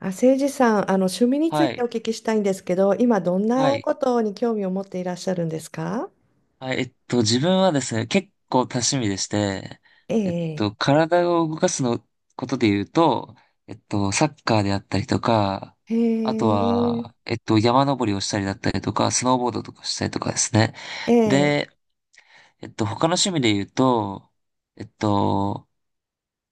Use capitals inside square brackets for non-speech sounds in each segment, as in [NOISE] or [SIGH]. あ、誠司さん、趣味についはておい。聞きしたいんですけど、今どんはない。ことに興味を持っていらっしゃるんですか？はい。自分はですね、結構多趣味でして、ええ。体を動かすのことで言うと、サッカーであったりとか、へあとは、え。山登りをしたりだったりとか、スノーボードとかしたりとかですね。ええ。で、他の趣味で言うと、えっと、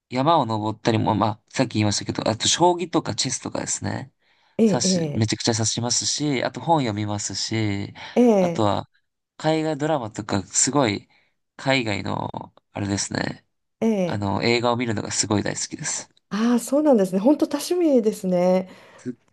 山を登ったりも、まあ、さっき言いましたけど、あと、将棋とかチェスとかですね。えめえ。ちゃくちゃ指しますし、あと本読みますし、えあとえ。は、海外ドラマとか、すごい、海外の、あれですね。えあえ。の、映画を見るのがすごい大好きです。ああ、そうなんですね。本当多趣味ですね。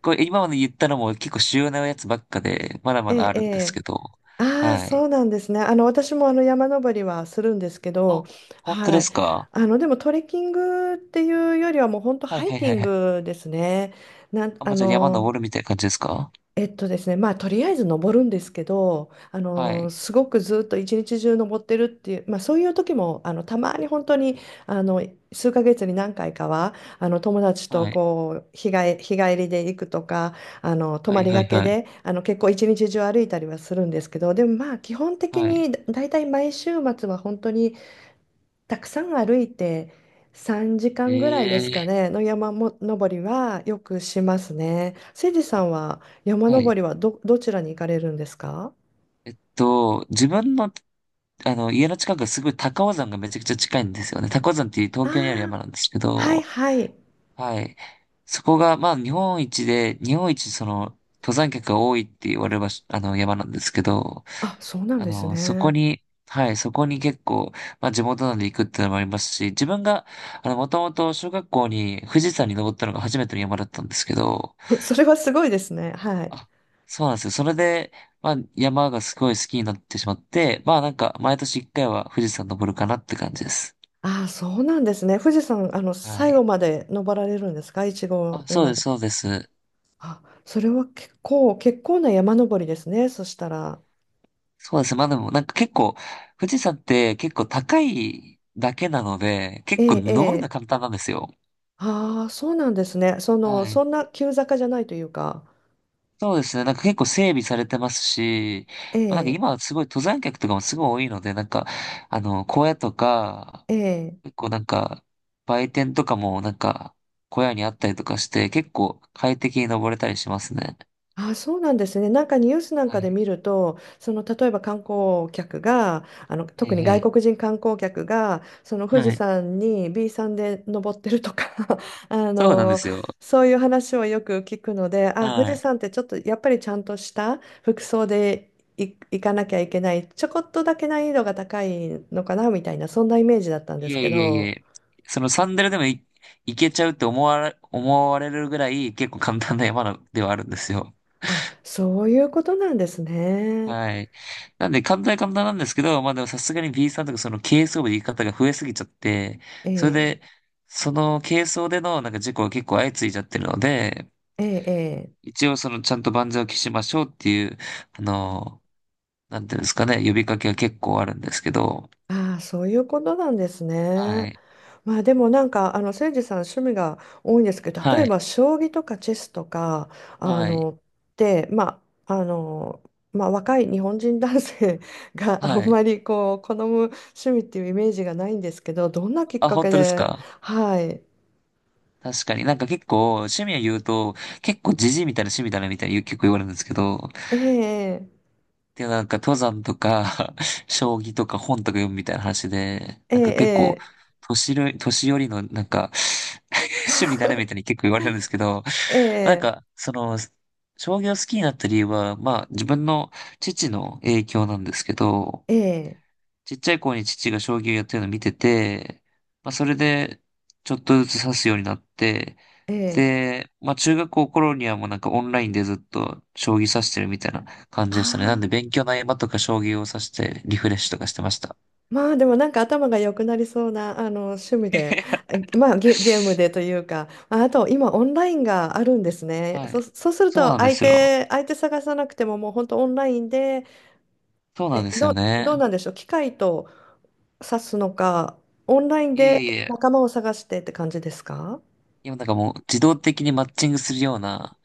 これ、今まで言ったのも結構主要なやつばっかで、まだえまだえ。あえるんですけえ。ど、ああ、はそい。うなんですね。私も山登りはするんですけあ、ど、本当はでい。すか？でもトレッキングっていうよりはもう本当はいハイはいキはいンはい。グですね。なん、あ、もあうじゃあ山登の、るみたいな感じですか？えっとですね、まあ、とりあえず登るんですけど、はい。すごくずっと一日中登ってるっていう、まあ、そういう時もたまに本当にあの数ヶ月に何回かは友達とはい。こう日帰りで行くとか泊はまいりはがいけはい。で結構一日中歩いたりはするんですけど、でもまあ基本的はい。にだいたい毎週末は本当にたくさん歩いて3時間ぐらいですかええ、ね、の山も登りはよくしますね。せいじさんは山は登い。りはどちらに行かれるんですか？と、自分の、あの、家の近くがすごい高尾山がめちゃくちゃ近いんですよね。高尾山っていう東あ京にあるあ、山なんですけはいど、はい。はい。そこが、まあ、日本一で、日本一、その、登山客が多いって言われる場所、あの、山なんですけど、あ、そうなんあですの、そこね。に、はい、そこに結構、まあ、地元なんで行くっていうのもありますし、自分が、あの、もともと小学校に富士山に登ったのが初めての山だったんですけど、[LAUGHS] それはすごいですね。はい。あ、そうなんですよ。それで、まあ、山がすごい好きになってしまって、まあなんか、毎年一回は富士山登るかなって感じです。ああ、そうなんですね。富士山、は最後い。まで登られるんですか、一合あ、目そうまでで。す、そうです。あ、それは結構、結構な山登りですね。そしたら。そうです。まあでも、なんか結構、富士山って結構高いだけなので、え結構え、え登るのはえ。簡単なんですよ。ああ、そうなんですね。その、はそい。んな急坂じゃないというか。そうですね。なんか結構整備されてますし、えまあ、なんかえ、今はすごい登山客とかもすごい多いので、なんか、あの、荒野とか、ええ。結構なんか、売店とかもなんか、小屋にあったりとかして、結構快適に登れたりしますね。あ、そうなんですね。なんかニュースなんはかでい。見ると、その例えば観光客が、は特いには外い。国人観光客が、その富士はい。山に B さんで登ってるとか、 [LAUGHS] あそうなんでの、すよ。そういう話をよく聞くので、あ、富は士い。山ってちょっとやっぱりちゃんとした服装で行かなきゃいけない、ちょこっとだけ難易度が高いのかなみたいな、そんなイメージだったんでいすえけいえいど、え。そのサンダルでもい、いけちゃうって思われるぐらい結構簡単な山のではあるんですよ。あ、そういうことなんですね。はい。なんで簡単は簡単なんですけど、まあでもさすがに B さんとかその軽装部で行き方が増えすぎちゃって、えそれえ、で、その軽装でのなんか事故が結構相次いじゃってるので、ええ、ええ。一応そのちゃんと万全を期しましょうっていう、あの、なんていうんですかね、呼びかけは結構あるんですけど、ああ、そういうことなんですね。はい、まあでもなんか、誠司さん趣味が多いんですけど、例はえい、ば将棋とかチェスとか、あはい、の、で、まあ、あの、まあ若い日本人男性 [LAUGHS] があはんい。まりこう、好む趣味っていうイメージがないんですけど、どんなきっあ、か本け当ですで、か？はい。確かになんか結構趣味を言うと、結構ジジイみたいな趣味だなみたいに結構言われるんですけど、ええで、なんか登山とか、[LAUGHS] 将棋とか本とか読むみたいな話で、え。なんか結構、ええ。年寄りのなんか [LAUGHS] 趣味だねみたいに結構言われるんですけど、なんええ。か、その、将棋を好きになった理由は、まあ自分の父の影響なんですけど、ええ。ええ。ちっちゃい頃に父が将棋をやってるのを見てて、まあそれでちょっとずつ指すようになって、ええ。で、まあ中学校頃にはもうなんかオンラインでずっと将棋指してるみたいな感じでしたね。なんあであ、勉強の合間とか将棋を指してリフレッシュとかしてました。まあでもなんか頭が良くなりそうな趣味で、[LAUGHS] まあゲームでというか、まああと今オンラインがあるんですね。はい。そうするそうとなんですよ。相手探さなくてももう本当オンラインで、そうなんえ、ですよどうね。なんでしょう、機械と指すのか、オンラインいやいでやいや。仲間を探してって感じですか？今なんかもう自動的にマッチングするような、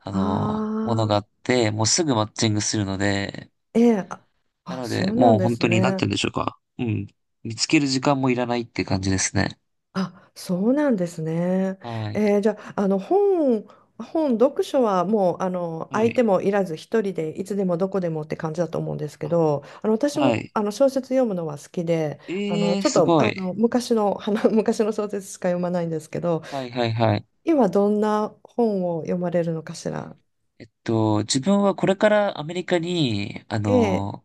ああの、ものがああって、もうすぐマッチングするので、ー、ええ、あ、なあ、のそで、うなんもうで本す当になっね。て言うんでしょうか。うん。見つける時間もいらないって感じですね。あ、そうなんですね。はい。えー、じゃあ、本、読書はもうは相手い。もいらず一人でいつでもどこでもって感じだと思うんですけあ、ど、私もはい。小説読むのは好きで、ええー、ちょっすとごい。昔の、[LAUGHS] 昔の小説しか読まないんですけど、はいはいはい。今どんな本を読まれるのかしら。自分はこれからアメリカに、あええ。の、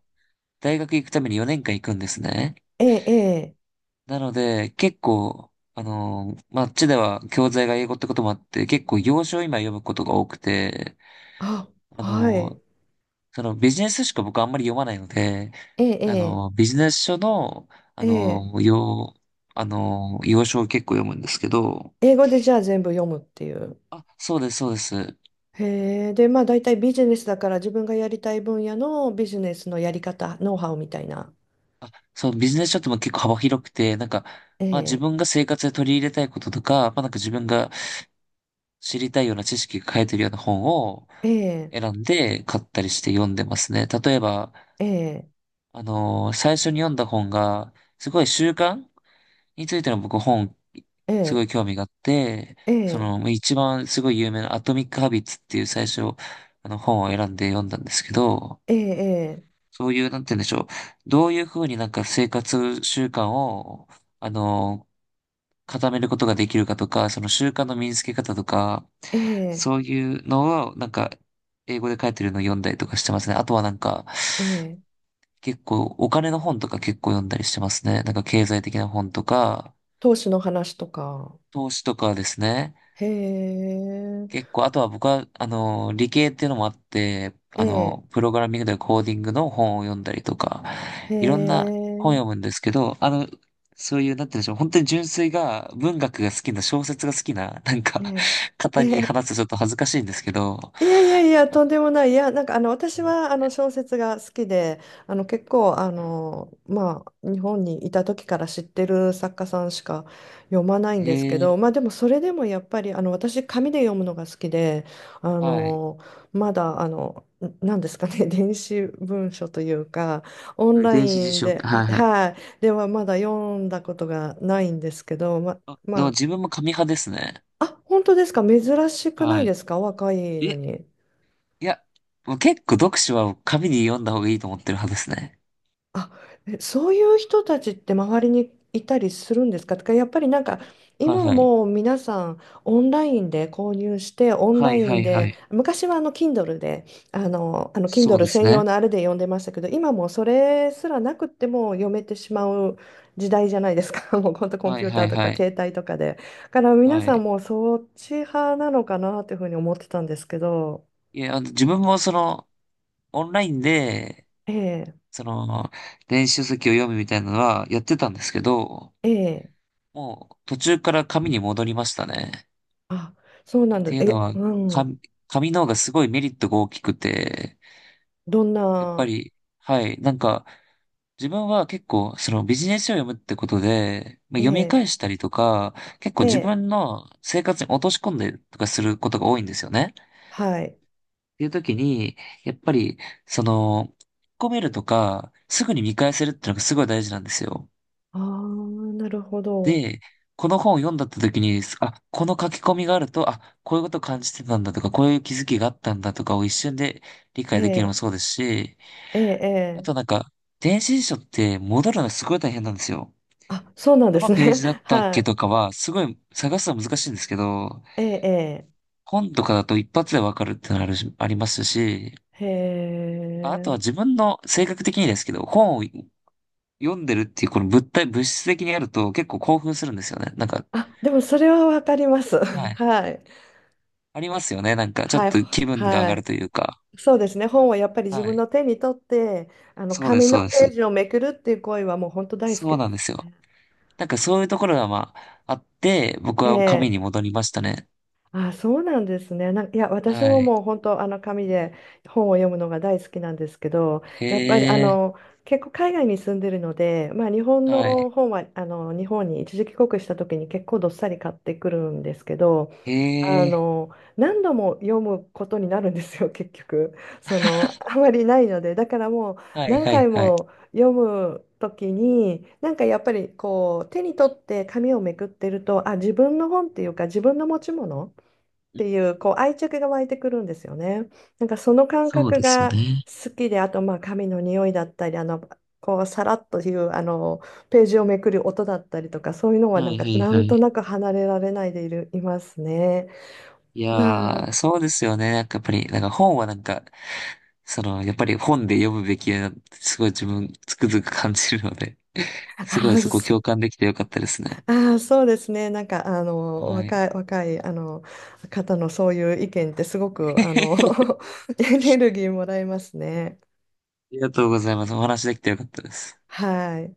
大学行くために4年間行くんですね。ええ。ええ。なので、結構、あの、まあ、あっちでは教材が英語ってこともあって、結構洋書を今読むことが多くて、あ、あはい。の、そのビジネス書しか僕あんまり読まないので、あええ。の、ビジネス書の、あええ。えの、え。あの、要所を結構読むんですけど、英語でじゃあ全部読むっていう。あ、そうです、そうです。へえ、で、まあ大体ビジネスだから自分がやりたい分野のビジネスのやり方、ノウハウみたいな。あ、そう、ビジネス書っても結構幅広くて、なんか、えまあ自え、分が生活で取り入れたいこととか、まあなんか自分が知りたいような知識が書いてるような本をええ、選んで買ったりして読んでますね。例えば、ええ、あの、最初に読んだ本が、すごい習慣についての僕本、えすごえ、い興味があって、えそえ、の、一番すごい有名なアトミック・ハビッツっていう最初、あの本を選んで読んだんですけど、ええ、そういう、なんて言うんでしょう。どういうふうになんか生活習慣を、あの、固めることができるかとか、その習慣の身につけ方とか、ええ、そういうのを、なんか、英語で書いてるのを読んだりとかしてますね。あとはなんか、ええ。結構、お金の本とか結構読んだりしてますね。なんか経済的な本とか、投資の話とか。投資とかですね。へえ、結構、あとは僕は、あの、理系っていうのもあって、えあえ、の、プログラミングでコーディングの本を読んだりとか、へいろんな本え、読むんですけど、あの、そういう、なんて言うんでしょう、本当に純粋が、文学が好きな、小説が好きな、なんえか、え、え方にえ。話すとちょっと恥ずかしいんですけど、いやいやいや、あ、とんでもない。いや、なんか私は小説が好きで、結構まあ、日本にいた時から知ってる作家さんしか読まないんへですけえ、ど、まあ、でもそれでもやっぱり私、紙で読むのが好きで、あはい。のまだあの、なんですかね、[LAUGHS] 電子文書というか、オンはい、ラ電子イ辞ン書、で、はあ、いはい。はい、ではまだ読んだことがないんですけど、あ、でもま自分も紙派ですね。あ、本当ですか、珍しくなはいでい。すか、若いのえ、に。いや、もう結構読書は紙に読んだ方がいいと思ってる派ですね。あ、え、そういう人たちって周りにいたりするんですかとか、やっぱりなんあ、かはい今はい。もう皆さんオンラインで購入してオンはラいイはンいはでい。昔はKindle で、あの そう Kindle です専用ね。のあれで読んでましたけど今もうそれすらなくっても読めてしまう時代じゃないですか。 [LAUGHS] もう本当コンはピいュータはーいとかはい。携帯とかでだから皆はさんい。もうそっち派なのかなというふうに思ってたんですけど、いや、あの、自分もその、オンラインで、ええ、その、電子書籍を読むみたいなのはやってたんですけど、ええ、もう途中から紙に戻りましたね。っあ、そうなんだ、ていうのえ、は、う紙、ん、紙の方がすごいメリットが大きくて、どんやっぱな？り、はい、なんか、自分は結構、そのビジネス書を読むってことで、まあ、え読みえ、返したりとか、結構え自え、分の生活に落とし込んでとかすることが多いんですよね。はい。ていう時に、やっぱり、その、引き込めるとか、すぐに見返せるってのがすごい大事なんですよ。ああ、なるほど。で、この本を読んだった時に、あ、この書き込みがあると、あ、こういうこと感じてたんだとか、こういう気づきがあったんだとかを一瞬で理え解できるのもえ、そうですし、ええ、あえとなえ。んか、電子辞書って戻るのがすごい大変なんですよ。あ、そうなんどでのすね。ページだっ [LAUGHS] たっはけい。とかは、すごい探すの難しいんですけど、ええ、本とかだと一発でわかるってのあるしありますし、ええ。へああとえ。は自分の性格的にですけど、本を読んでるっていうこの物体、物質的にやると結構興奮するんですよね。なんか、あ、でもそれはわかります。は [LAUGHS] い。はい。ありますよね。なんか、ちょっはい。と気分が上はがるい。というか。そうですね。本はやっぱり自は分い。の手に取って、そうです、紙のそうです。ページをめくるっていう行為はもう本当大好そうきです。なんですよ。なんかそういうところがまあ、あって、僕えは紙え。に戻りましたね。あ、そうなんですね。なんか、いや、私はもい。もう本当、紙で本を読むのが大好きなんですけど、へやっぱりえ、結構海外に住んでるので、まあ、日本はのい。本は日本に一時帰国した時に結構どっさり買ってくるんですけど、へあえ、の何度も読むことになるんですよ、結局。そのあまりないので、だからもうはい、何はい、回はい。も読む時になんかやっぱりこう手に取って紙をめくってると、あ、自分の本っていうか自分の持ち物っていう、こう愛着が湧いてくるんですよね。なんかその感そう覚ですよがね。好きで、あとまあ髪の匂いだったり、こうさらっというあのページをめくる音だったりとか、そういうのははなんい、かはい、なはんとい。なく離れられないでいますね。いまあ、やー、そうですよね。なんかやっぱり、なんか本はなんか、その、やっぱり本で読むべきだなってすごい自分つくづく感じるので。あすごいー、そこそ共感できてよかったですね。あー、そうですね。なんかはい。若い方のそういう意見ってすごく[LAUGHS] あ [LAUGHS] エネルギーもらえますね。りがとうございます。お話できてよかったです。はい。